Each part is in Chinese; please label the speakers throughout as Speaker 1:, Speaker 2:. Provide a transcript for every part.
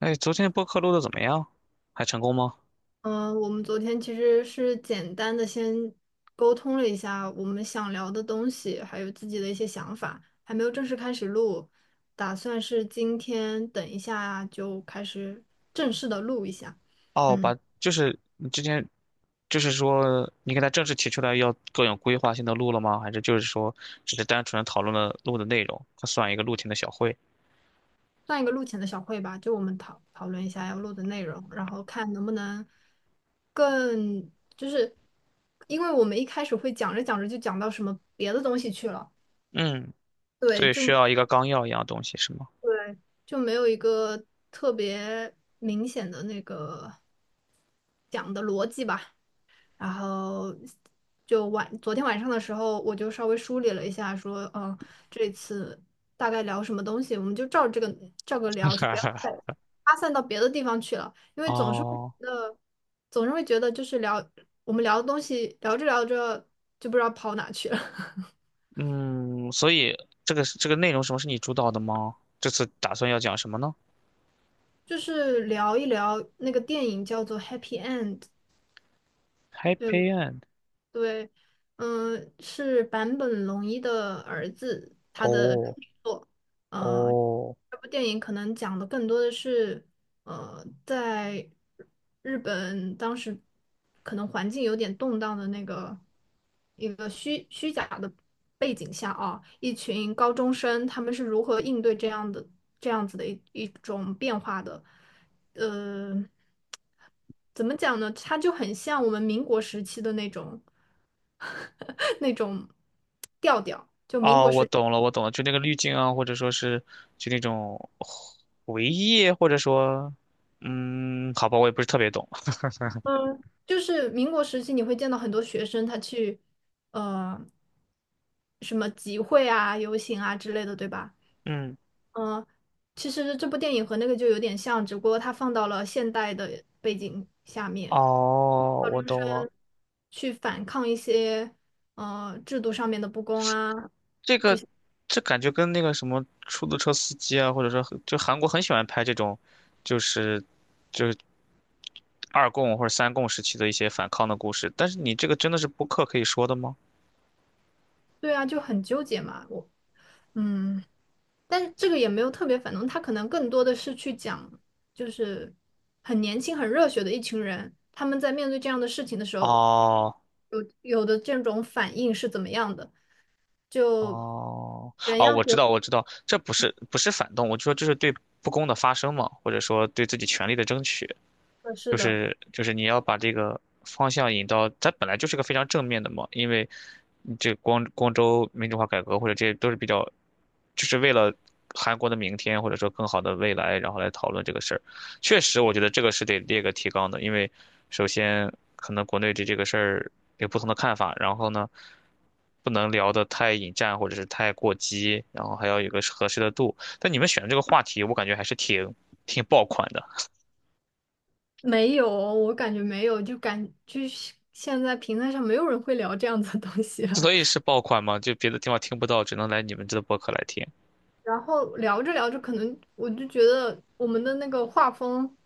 Speaker 1: 哎，昨天播客录的怎么样？还成功吗？
Speaker 2: 嗯，我们昨天其实是简单的先沟通了一下我们想聊的东西，还有自己的一些想法，还没有正式开始录，打算是今天等一下就开始正式的录一下。
Speaker 1: 哦，
Speaker 2: 嗯，
Speaker 1: 把就是你之前就是说你给他正式提出来要更有规划性的录了吗？还是就是说只是单纯讨论了录的内容，它算一个录前的小会？
Speaker 2: 算一个录前的小会吧，就我们讨论一下要录的内容，然后看能不能更就是，因为我们一开始会讲着讲着就讲到什么别的东西去了。
Speaker 1: 嗯，
Speaker 2: 对，
Speaker 1: 所以需
Speaker 2: 就
Speaker 1: 要一个纲要一样的东西是吗？
Speaker 2: 对，就没有一个特别明显的那个讲的逻辑吧。然后昨天晚上的时候，我就稍微梳理了一下，说，嗯，这次大概聊什么东西，我们就照这个照个聊，就不要再 发散到别的地方去了，因为总是会觉
Speaker 1: 哦，
Speaker 2: 得，总是会觉得就是聊我们聊的东西，聊着聊着就不知道跑哪去了。
Speaker 1: 嗯，所以这个内容什么是你主导的吗？这次打算要讲什么呢
Speaker 2: 就是聊一聊那个电影叫做《Happy End》，对。
Speaker 1: ？Happy End。
Speaker 2: 对，是坂本龙一的儿子，他的处
Speaker 1: 哦
Speaker 2: 女作。呃，
Speaker 1: 哦，
Speaker 2: 这部电影可能讲的更多的是，呃，在日本当时可能环境有点动荡的那个一个虚假的背景下啊，一群高中生他们是如何应对这样的这样子的一种变化的。呃，怎么讲呢？它就很像我们民国时期的那种 那种调调。
Speaker 1: 哦，我懂了，我懂了，就那个滤镜啊，或者说是就那种回忆，或者说，嗯，好吧，我也不是特别懂。
Speaker 2: 嗯，就是民国时期，你会见到很多学生他去呃什么集会啊、游行啊之类的，对吧？
Speaker 1: 嗯，
Speaker 2: 嗯、其实这部电影和那个就有点像，只不过它放到了现代的背景下面
Speaker 1: 哦，我懂了，
Speaker 2: 去反抗一些呃制度上面的不公啊。
Speaker 1: 这个这感觉跟那个什么出租车司机啊，或者说很就韩国很喜欢拍这种，就是就是二共或者三共时期的一些反抗的故事。但是你这个真的是播客可以说的吗？
Speaker 2: 对啊，就很纠结嘛。我嗯。但是这个也没有特别反动，他可能更多的是去讲，就是很年轻、很热血的一群人，他们在面对这样的事情的时候，
Speaker 1: 哦，
Speaker 2: 有的这种反应是怎么样的？就
Speaker 1: 哦，
Speaker 2: 人
Speaker 1: 哦，
Speaker 2: 要
Speaker 1: 我知
Speaker 2: 学
Speaker 1: 道，我知道，这不是反动，我就说这是对不公的发声嘛，或者说对自己权利的争取。
Speaker 2: 合适
Speaker 1: 就
Speaker 2: 的，
Speaker 1: 是就是你要把这个方向引到，它本来就是个非常正面的嘛，因为这光州民主化改革或者这些都是比较，就是为了韩国的明天或者说更好的未来，然后来讨论这个事儿。确实，我觉得这个是得列个提纲的，因为首先可能国内对这个事儿有不同的看法，然后呢。不能聊得太引战或者是太过激，然后还要有个合适的度。但你们选的这个话题，我感觉还是挺爆款的。
Speaker 2: 没有，我感觉没有，就感就是现在平台上没有人会聊这样子的东西了。
Speaker 1: 所以是爆款嘛？就别的地方听不到，只能来你们这的播客来听。
Speaker 2: 然后聊着聊着，可能我就觉得我们的那个画风，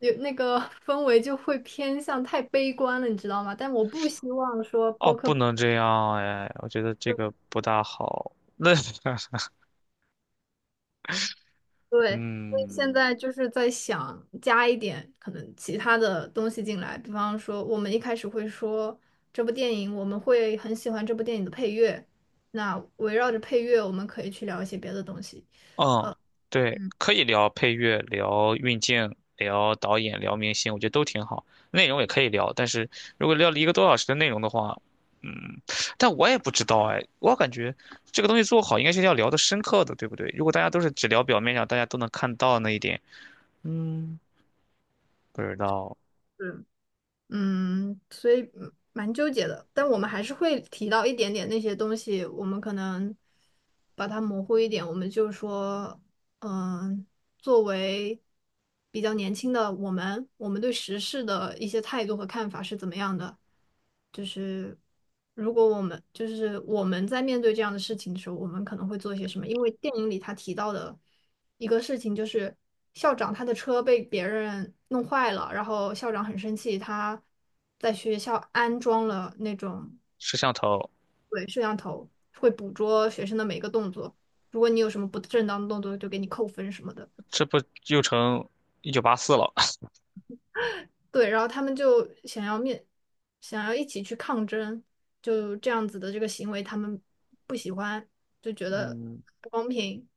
Speaker 2: 有那个 氛围就会偏向太悲观了，你知道吗？但我不希望说
Speaker 1: 哦，
Speaker 2: 播
Speaker 1: 不
Speaker 2: 客，
Speaker 1: 能这样哎，我觉得这个不大好。那
Speaker 2: 对，所以现
Speaker 1: 嗯
Speaker 2: 在就是在想加一点可能其他的东西进来，比方说我们一开始会说这部电影，我们会很喜欢这部电影的配乐，那围绕着配乐，我们可以去聊一些别的东西。
Speaker 1: 嗯，对，可以聊配乐，聊运镜，聊导演，聊明星，我觉得都挺好。内容也可以聊，但是如果聊了一个多小时的内容的话，嗯，但我也不知道哎，我感觉这个东西做好应该是要聊的深刻的，对不对？如果大家都是只聊表面上，大家都能看到那一点，嗯，不知道。
Speaker 2: 嗯。嗯，所以嗯蛮纠结的，但我们还是会提到一点点那些东西，我们可能把它模糊一点，我们就说，嗯，作为比较年轻的我们，我们对时事的一些态度和看法是怎么样的？就是如果我们就是我们在面对这样的事情的时候，我们可能会做些什么？因为电影里他提到的一个事情，就是校长他的车被别人弄坏了，然后校长很生气，他在学校安装了那种
Speaker 1: 摄像头。
Speaker 2: 对摄像头，会捕捉学生的每一个动作，如果你有什么不正当的动作，就给你扣分什么的。
Speaker 1: 这不又成1984了？
Speaker 2: 对，然后他们就想要一起去抗争，就这样子的这个行为，他们不喜欢，就觉得
Speaker 1: 嗯，
Speaker 2: 不公平。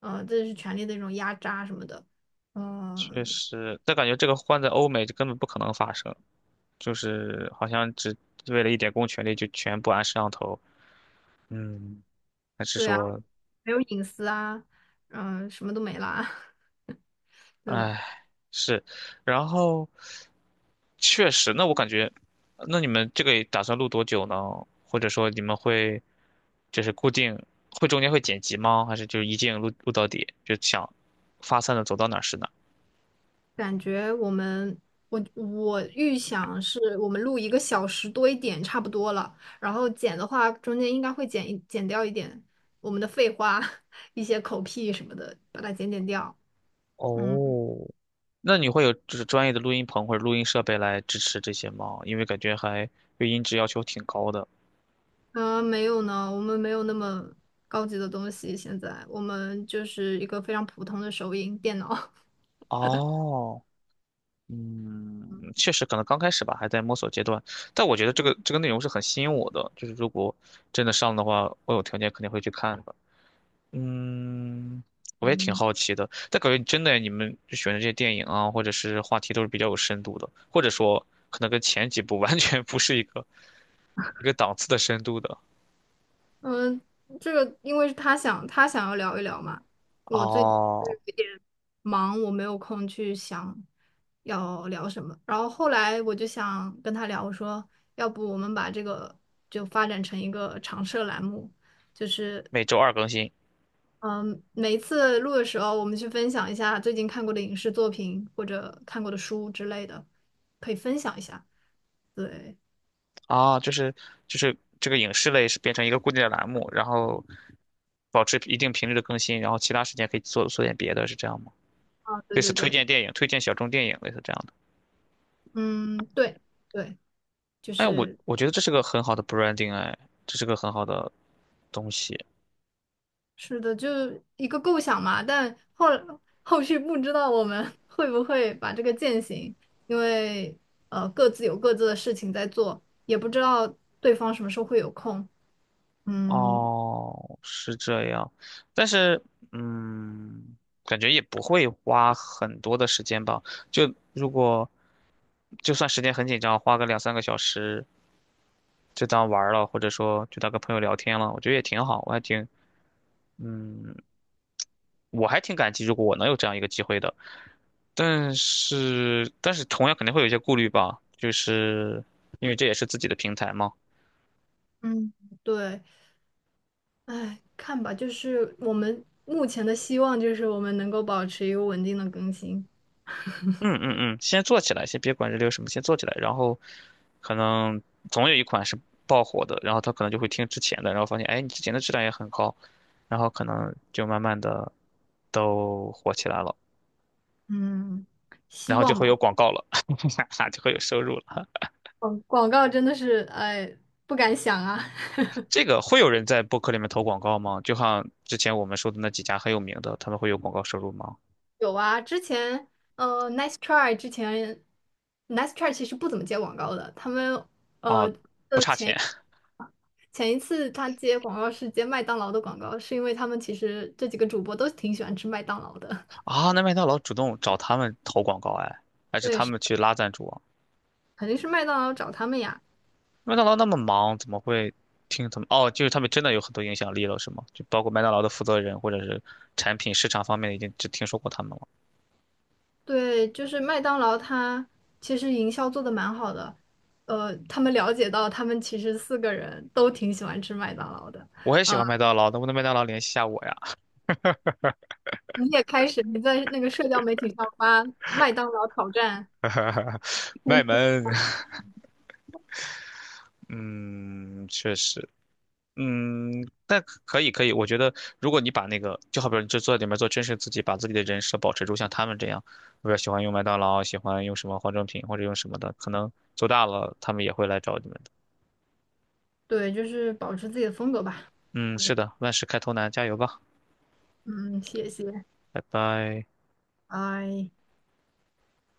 Speaker 2: 这是权力的一种压榨什么的。
Speaker 1: 确
Speaker 2: 嗯，
Speaker 1: 实，但感觉这个换在欧美就根本不可能发生，就是好像只为了一点公权力就全部安摄像头。嗯，还是
Speaker 2: 对啊，
Speaker 1: 说，
Speaker 2: 没有隐私啊，嗯，什么都没啦，对吧？
Speaker 1: 哎，是，然后确实，那我感觉，那你们这个打算录多久呢？或者说你们会就是固定会中间会剪辑吗？还是就一镜录录到底，就想发散的走到哪儿是哪儿？
Speaker 2: 感觉我们，我预想是我们录一个小时多一点差不多了，然后剪的话中间应该会剪掉一点我们的废话，一些口癖什么的，把它剪掉。嗯。
Speaker 1: 哦，那你会有就是专业的录音棚或者录音设备来支持这些吗？因为感觉还对音质要求挺高的。
Speaker 2: 没有呢，我们没有那么高级的东西，现在我们就是一个非常普通的手影电脑。
Speaker 1: 哦，嗯，
Speaker 2: 嗯。
Speaker 1: 确实可能刚开始吧，还在摸索阶段。但我觉得这个内容是很吸引我的，就是如果真的上的话，我有条件肯定会去看的。嗯，我也挺
Speaker 2: 嗯，
Speaker 1: 好奇的。但感觉真的你们就选的这些电影啊，或者是话题都是比较有深度的，或者说可能跟前几部 完全不是一个档次的深度的。
Speaker 2: 嗯，这个因为是他想要聊一聊嘛，我最近就
Speaker 1: 哦，
Speaker 2: 是有点忙，我没有空去想要聊什么。然后后来我就想跟他聊，我说要不我们把这个就发展成一个常设栏目，就是
Speaker 1: 每周二更新。
Speaker 2: 嗯，每一次录的时候，我们去分享一下最近看过的影视作品或者看过的书之类的，可以分享一下。对，
Speaker 1: 啊，就是就是这个影视类是变成一个固定的栏目，然后保持一定频率的更新，然后其他时间可以做做点别的，是这样吗？
Speaker 2: 啊，对
Speaker 1: 类似
Speaker 2: 对
Speaker 1: 推
Speaker 2: 对，
Speaker 1: 荐电影、推荐小众电影，类似这样的。
Speaker 2: 嗯，对对，就
Speaker 1: 哎，我
Speaker 2: 是。
Speaker 1: 我觉得这是个很好的 branding，哎，这是个很好的东西。
Speaker 2: 是的，就一个构想嘛，但后续不知道我们 会不会把这个践行，因为呃各自有各自的事情在做，也不知道对方什么时候会有空。嗯，
Speaker 1: 哦，是这样，但是嗯，感觉也不会花很多的时间吧。就如果就算时间很紧张，花个两三个小时，就当玩儿了，或者说就当跟朋友聊天了，我觉得也挺好，我还挺，嗯，我还挺感激，如果我能有这样一个机会的。但是，但是同样肯定会有一些顾虑吧，就是因为这也是自己的平台嘛。
Speaker 2: 嗯，对，哎，看吧，就是我们目前的希望就是我们能够保持一个稳定的更新。
Speaker 1: 嗯嗯嗯，先做起来，先别管这里有什么，先做起来，然后可能总有一款是爆火的，然后他可能就会听之前的，然后发现，哎，你之前的质量也很高，然后可能就慢慢的都火起来了，
Speaker 2: 嗯，希
Speaker 1: 然后就
Speaker 2: 望
Speaker 1: 会有
Speaker 2: 吧。
Speaker 1: 广告了，哈哈就会有收入了。
Speaker 2: 广告真的是，哎，不敢想啊。
Speaker 1: 这个会有人在播客里面投广告吗？就像之前我们说的那几家很有名的，他们会有广告收入吗？
Speaker 2: 有啊，之前Nice Try 之前，Nice Try 其实不怎么接广告的。他们
Speaker 1: 啊，
Speaker 2: 呃，
Speaker 1: 不差钱
Speaker 2: 前一次他接广告是接麦当劳的广告，是因为他们其实这几个主播都挺喜欢吃麦当劳的。
Speaker 1: 啊！那麦当劳主动找他们投广告，哎，还是
Speaker 2: 对，
Speaker 1: 他
Speaker 2: 是
Speaker 1: 们去拉赞助啊？
Speaker 2: 肯定是麦当劳找他们呀。
Speaker 1: 麦当劳那么忙，怎么会听他们？哦，就是他们真的有很多影响力了，是吗？就包括麦当劳的负责人或者是产品市场方面，已经只听说过他们了。
Speaker 2: 对，就是麦当劳，他其实营销做的蛮好的。他们了解到他们其实四个人都挺喜欢吃麦当劳的。
Speaker 1: 我也喜
Speaker 2: 啊、
Speaker 1: 欢麦当劳，能不能麦当劳联系一下我呀？
Speaker 2: 你也开始你在那个社交媒体上发麦当劳挑战。
Speaker 1: 卖萌，嗯，确实。嗯，但可以，我觉得如果你把那个，就好比说你就坐在里面做真实自己，把自己的人设保持住，像他们这样，比如喜欢用麦当劳，喜欢用什么化妆品或者用什么的，可能做大了他们也会来找你们的。
Speaker 2: 对，就是保持自己的风格吧。
Speaker 1: 嗯，是的，万事开头难，加油吧，
Speaker 2: 嗯，谢谢，
Speaker 1: 拜拜。
Speaker 2: 拜。